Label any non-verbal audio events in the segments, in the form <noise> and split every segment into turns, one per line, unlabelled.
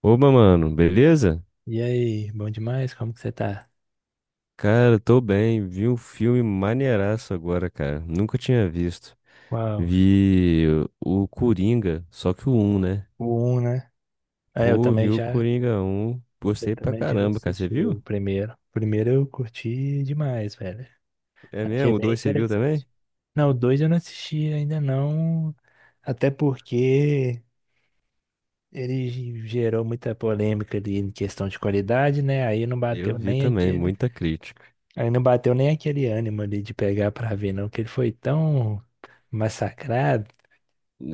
Oba, mano, beleza?
E aí, bom demais? Como que você tá?
Cara, tô bem. Vi um filme maneiraço agora, cara. Nunca tinha visto.
Uau,
Vi o Coringa, só que o um, né?
o um, né? É,
Pô, vi o Coringa um.
eu
Gostei pra
também já
caramba, cara. Você
assisti
viu?
o primeiro. O primeiro eu curti demais, velho.
É
Achei
mesmo? O
bem
2 você viu também?
interessante. Não, o 2 eu não assisti ainda não, até porque ele gerou muita polêmica ali em questão de qualidade, né?
Eu vi também, muita crítica.
Aí não bateu nem aquele ânimo ali de pegar pra ver, não, que ele foi tão massacrado.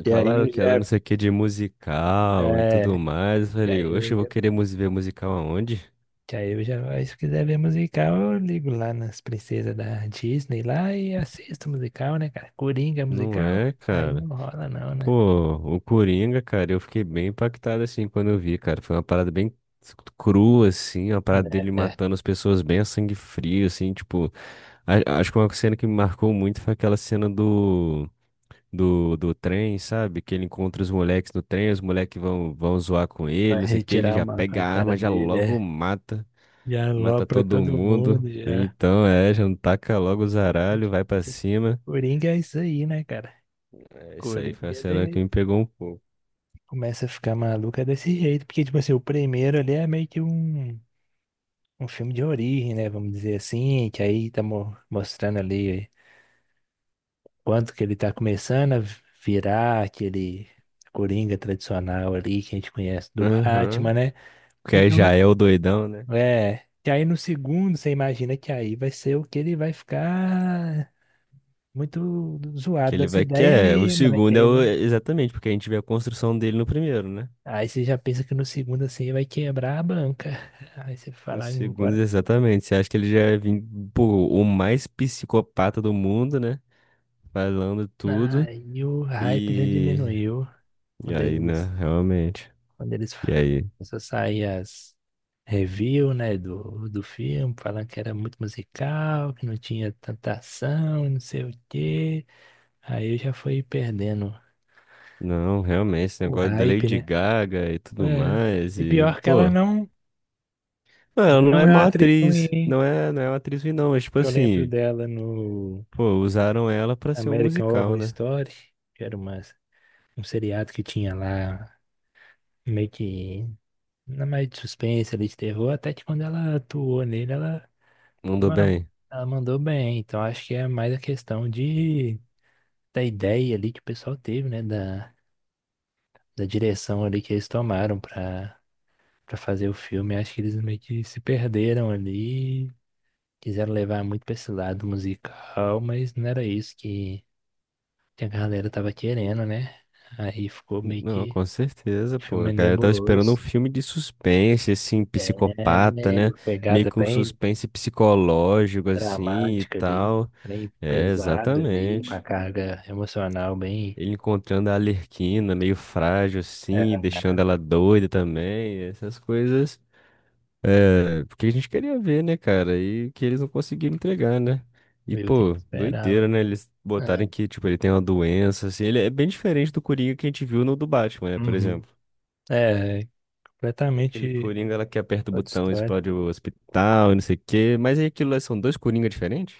E aí
Falaram
eu
que era não
já,
sei o que de musical e
é,
tudo mais. Eu
e
falei,
aí eu
oxe, eu vou
já
querer ver musical aonde?
Que aí eu já, aí se quiser ver musical, eu ligo lá nas princesas da Disney lá e assisto musical, né, cara? Coringa é
Não
musical,
é,
aí não
cara.
rola não, né?
Pô, o Coringa, cara, eu fiquei bem impactado assim quando eu vi, cara. Foi uma parada bem crua, assim, uma parada
É,
dele
é.
matando as pessoas bem a sangue frio, assim, tipo. Acho que uma cena que me marcou muito foi aquela cena do, do trem, sabe? Que ele encontra os moleques no trem, os moleques vão, vão zoar com
Vai
ele, não sei o que, ele
retirar
já
uma com a
pega a
cara
arma, já
dele,
logo
é.
mata,
Já
mata
alopra
todo
todo
mundo.
mundo, já.
Então, é, já não taca logo o zaralho, vai pra cima.
O Coringa é isso aí, né, cara? O
É, isso aí
Coringa,
foi a cena que
ele
me pegou um pouco.
começa a ficar maluca desse jeito, porque, tipo assim, o primeiro ali é meio que um filme de origem, né, vamos dizer assim, que aí tá mostrando ali quanto que ele tá começando a virar aquele Coringa tradicional ali que a gente conhece do Batman,
Aham.
né?
Que aí
Então,
já
não-
é o doidão, né?
é. E aí no segundo, você imagina que aí vai ser o que ele vai ficar muito
Que
zoado
ele
das
vai. Que
ideias
é. O
mesmo, né?
segundo é o. Exatamente, porque a gente vê a construção dele no primeiro, né?
Aí você já pensa que no segundo assim vai quebrar a banca. Aí você
No
fala
segundo,
agora.
exatamente. Você acha que ele já é pô, o mais psicopata do mundo, né? Falando tudo.
Aí o hype já
E.
diminuiu. Um
E aí, né?
deles
Realmente.
Quando eles
E aí?
começou a sair as review, né, do filme, falando que era muito musical, que não tinha tanta ação, não sei o quê. Aí eu já fui perdendo
Não, realmente, esse
o
negócio da
hype,
Lady
né?
Gaga e tudo
É.
mais.
E
E,
pior que
pô. Não, ela
ela
não
não
é
é uma
má
atriz ruim,
atriz.
hein?
Não é, não é uma atriz ruim, não. Mas, tipo
Eu lembro
assim,
dela no
pô, usaram ela pra ser um
American
musical,
Horror
né?
Story, que era um seriado que tinha lá meio que na mais de suspense ali de terror, até que quando ela atuou nele, ela...
Mandou
Mas
bem.
ela mandou bem, então acho que é mais a questão de da ideia ali que o pessoal teve, né? Da direção ali que eles tomaram pra fazer o filme. Acho que eles meio que se perderam ali, quiseram levar muito pra esse lado musical, mas não era isso que a galera tava querendo, né? Aí ficou meio
Não,
que
com certeza,
um
pô. A
filme
galera tava esperando um
nebuloso.
filme de suspense, assim,
É,
psicopata,
né,
né?
uma
Meio
pegada
que um
bem
suspense psicológico, assim, e
dramática ali,
tal.
bem
É,
pesado ali, com a
exatamente.
carga emocional bem.
Ele encontrando a Arlequina, meio frágil, assim,
É,
deixando ela doida também. Essas coisas. É, porque a gente queria ver, né, cara? E que eles não conseguiram entregar, né? E,
viu quem
pô,
esperava.
doideira, né? Eles botarem
É.
que, tipo, ele tem uma doença, assim. Ele é bem diferente do Coringa que a gente viu no do Batman, né, por
Uhum.
exemplo.
É,
E aquele
completamente
Coringa lá que aperta o
outra
botão e
história.
explode o hospital, e não sei o quê. Mas aí aquilo lá são dois Coringa diferentes?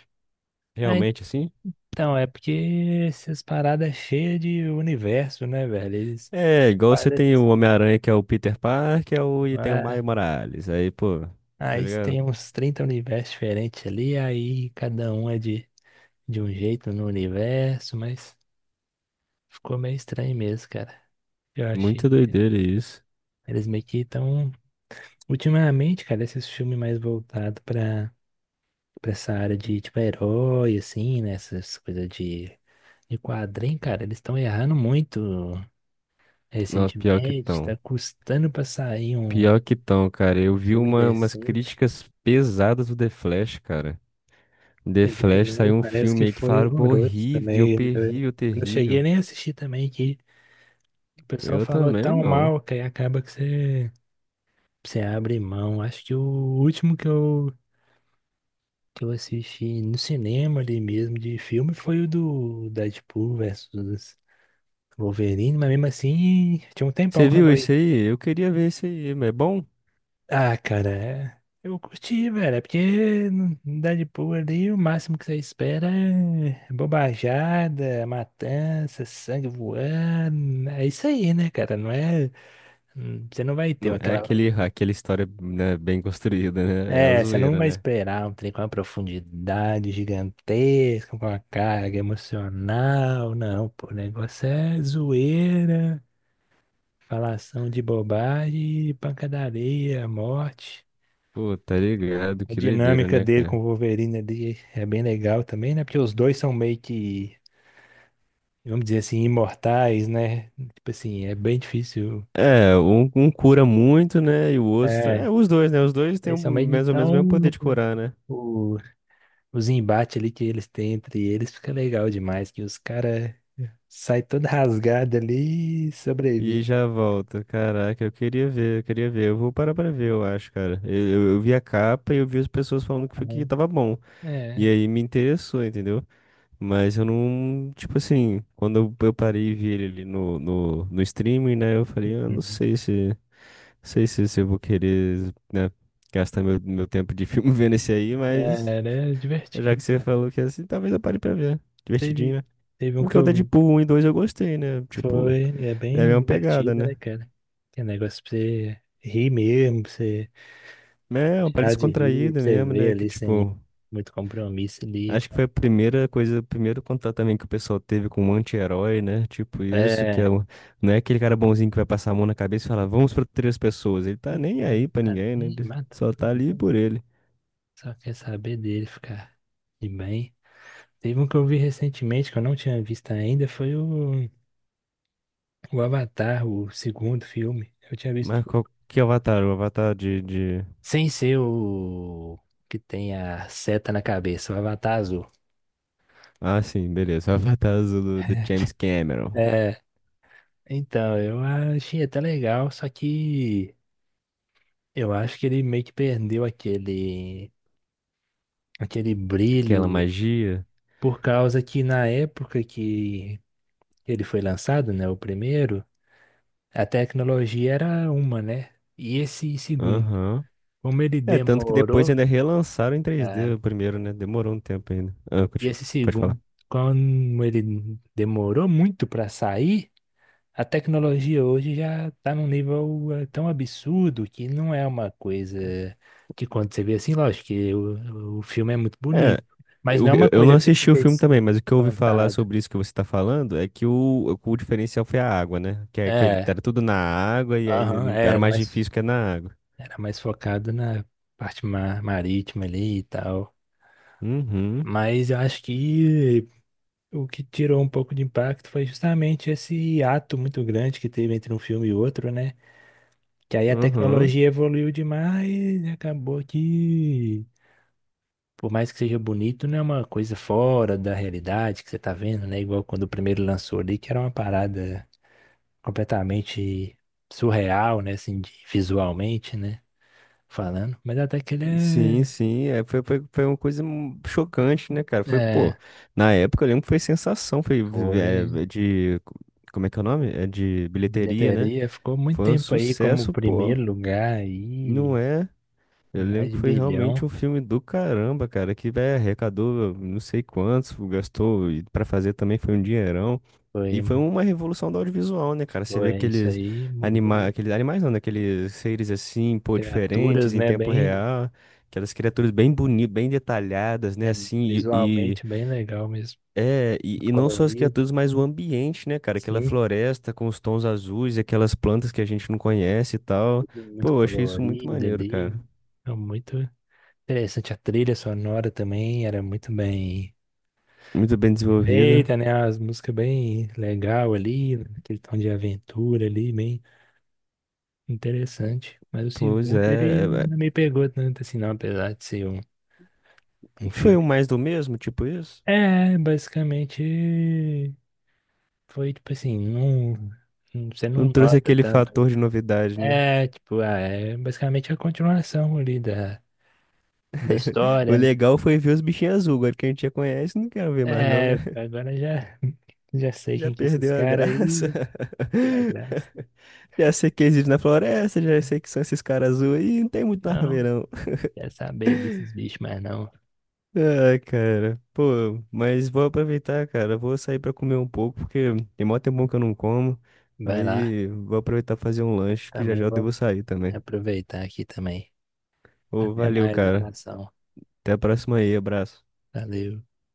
Ah,
Realmente, assim?
então, é porque essas paradas cheias de universo, né, velho? Eles
É, igual você
paradas
tem
esses
o Homem-Aranha, que é o Peter Parker, é o... e tem o
é,
Maio Morales. Aí, pô, tá
aí tem
ligado?
uns trinta universos diferentes ali, aí cada um é de um jeito no universo, mas ficou meio estranho mesmo, cara. Eu achei
Muito
que
doideira isso.
eles meio que estão. Ultimamente, cara, esses filmes mais voltados pra essa área de, tipo, herói, assim, né? Essas coisas de quadrinho, cara, eles estão errando muito
Não, pior que
recentemente, tá
tão.
custando pra sair
Pior que tão, cara. Eu
um
vi
filme
uma, umas
decente.
críticas pesadas do The Flash, cara. The
Ele
Flash
também
saiu um
parece que
filme aí que
foi
falaram, pô,
horroroso
horrível,
também. Eu
terrível,
eu não cheguei
terrível.
nem a assistir também, que o pessoal
Eu
falou
também
tão
não.
mal que aí acaba que você abre mão. Acho que o último que eu assisti no cinema ali mesmo de filme foi o do Deadpool versus Wolverine, mas mesmo assim tinha um tempão
Você viu
quando eu...
isso aí? Eu queria ver isso aí, mas é bom?
Ah, cara, eu curti, velho. É porque no Deadpool ali o máximo que você espera é bobajada, matança, sangue voando. É isso aí, né, cara? Não é. Você não vai ter
Não é
aquela.
aquele, aquela história, né, bem construída, né? É a
É, você não
zoeira,
vai
né?
esperar um trem com uma profundidade gigantesca, com uma carga emocional, não, pô. O negócio é zoeira, falação de bobagem, pancadaria, morte.
Pô, tá ligado?
A
Que doideira,
dinâmica
né,
dele com
cara?
o Wolverine ali é bem legal também, né? Porque os dois são meio que, vamos dizer assim, imortais, né? Tipo assim, é bem difícil.
É, um cura muito, né? E o outro.
É,
É, os dois, né? Os dois têm o
eles são meio.
mais ou menos o
Então,
mesmo poder de curar, né?
o, os embates ali que eles têm entre eles fica legal demais, que os caras saem todo rasgado ali e
E
sobrevivem.
já volta. Caraca, eu queria ver, eu queria ver. Eu vou parar pra ver, eu acho, cara. Eu vi a capa e eu vi as pessoas falando que, foi, que
Aham.
tava bom. E
É.
aí me interessou, entendeu? Mas eu não. Tipo assim, quando eu parei e vi ele ali no, no streaming, né? Eu falei, eu não
Uhum.
sei se. Sei se, se eu vou querer, né, gastar meu, meu tempo de filme <laughs> vendo esse aí,
É,
mas
era
já que
divertido.
você falou que é assim, talvez eu pare pra ver.
Teve,
Divertidinho, né?
teve um que
Porque o
eu...
Deadpool um e 2 eu gostei, né? Tipo,
Foi, é
é a
bem
mesma pegada,
divertida, né,
né?
cara? Que é negócio pra você rir mesmo, pra você
É uma parada
deixar de rir, pra
descontraída
você
mesmo,
ver
né? Que
ali sem
tipo,
muito compromisso ali.
acho que foi a primeira coisa, o primeiro contato também que o pessoal teve com um anti-herói, né? Tipo isso, que é,
É,
não é aquele cara bonzinho que vai passar a mão na cabeça e falar, vamos proteger as pessoas. Ele tá nem aí pra
tá
ninguém, né?
bem,
Ele
mata
só
todo
tá ali
mundo.
por ele.
Só quer saber dele ficar de bem. Teve um que eu vi recentemente, que eu não tinha visto ainda, foi o Avatar, o segundo filme. Eu tinha visto
Mas qual que é o Avatar? O Avatar de
sem ser o que tem a seta na cabeça, o Avatar azul.
Ah, sim, beleza. <laughs> O Avatar Azul do, do James Cameron.
É então, eu achei até legal, só que eu acho que ele meio que perdeu aquele
Aquela
brilho
magia.
por causa que na época que ele foi lançado, né, o primeiro, a tecnologia era uma, né? E esse segundo,
Aham.
como ele
É, tanto que depois
demorou,
ainda relançaram em
ah,
3D o primeiro, né? Demorou um tempo ainda. Ah,
e esse
pode falar.
segundo, como ele demorou muito para sair, a tecnologia hoje já está num nível tão absurdo que não é uma coisa que quando você vê assim, lógico que o filme é muito
É,
bonito, mas
eu,
não é uma
eu eu não
coisa que você
assisti o
fica
filme também, mas o que eu ouvi falar
espantado.
sobre isso que você tá falando é que o diferencial foi a água, né? Que, que
É,
era tudo na água e aí
aham,
era mais difícil que é na água.
era mais focado na parte marítima ali e tal.
Uhum,
Mas eu acho que o que tirou um pouco de impacto foi justamente esse ato muito grande que teve entre um filme e outro, né? Que aí a
uhum.
tecnologia evoluiu demais e acabou que por mais que seja bonito, não é uma coisa fora da realidade que você tá vendo, né? Igual quando o primeiro lançou ali, que era uma parada completamente surreal, né? Assim, de- visualmente, né? Falando. Mas até que
Sim,
ele
sim, é, foi, foi, foi uma coisa chocante, né, cara?
é.
Foi, pô,
É,
na época eu lembro que foi sensação, foi
foi.
é, é de, como é que é o nome? É de bilheteria, né?
Bilheteria ficou muito
Foi um
tempo aí como
sucesso, pô,
primeiro lugar aí,
não é? Eu lembro
mais de
que foi realmente
bilhão.
um filme do caramba, cara, que, velho, arrecadou não sei quantos, gastou, e pra fazer também foi um dinheirão.
Foi,
E foi uma revolução do audiovisual, né, cara? Você vê
foi isso
aqueles
aí, mudou muito.
aqueles animais não, né? Aqueles seres assim, pô,
Criaturas,
diferentes em
né?
tempo
Bem,
real, aquelas criaturas bem bonitas, bem detalhadas, né,
é,
assim,
visualmente bem legal mesmo.
é, e não só as
Colorido.
criaturas, mas o ambiente, né, cara? Aquela
Sim,
floresta com os tons azuis e aquelas plantas que a gente não conhece e tal.
tudo
Pô,
muito
eu achei isso muito
colorido
maneiro,
ali.
cara.
É muito interessante. A trilha sonora também era muito bem
Muito bem desenvolvida.
feita, né? As músicas bem legal ali, aquele tom de aventura ali, bem interessante. Mas o
Pois
segundo, ele
é, é,
não
é.
me pegou tanto assim, não, apesar de ser um
Foi o
filme.
mais do mesmo, tipo isso?
É, basicamente foi tipo assim, não- você não
Não trouxe
nota
aquele
tanto.
fator de novidade, né?
É, tipo, ah, é basicamente a continuação ali da história,
<laughs> O
né?
legal foi ver os bichinhos azul. Agora que a gente já conhece, não quero ver mais não,
É,
né? <laughs>
agora já, <laughs> já sei
Já
quem que é esses
perdeu a
caras
graça.
aí. Tira a graça.
<laughs> Já sei que existe na floresta, já sei que são esses caras azuis. Aí, não tem muito mais pra ver
Não,
não.
quer saber desses bichos, mas não.
Ai, cara. Pô, mas vou aproveitar, cara. Vou sair pra comer um pouco, porque tem mó tempo que eu não como.
Vai lá.
Aí vou aproveitar pra fazer um lanche, que já
Também
já eu
vou
devo sair também.
aproveitar aqui também.
Ô,
Até
valeu,
mais,
cara.
abração.
Até a próxima aí, abraço.
Valeu.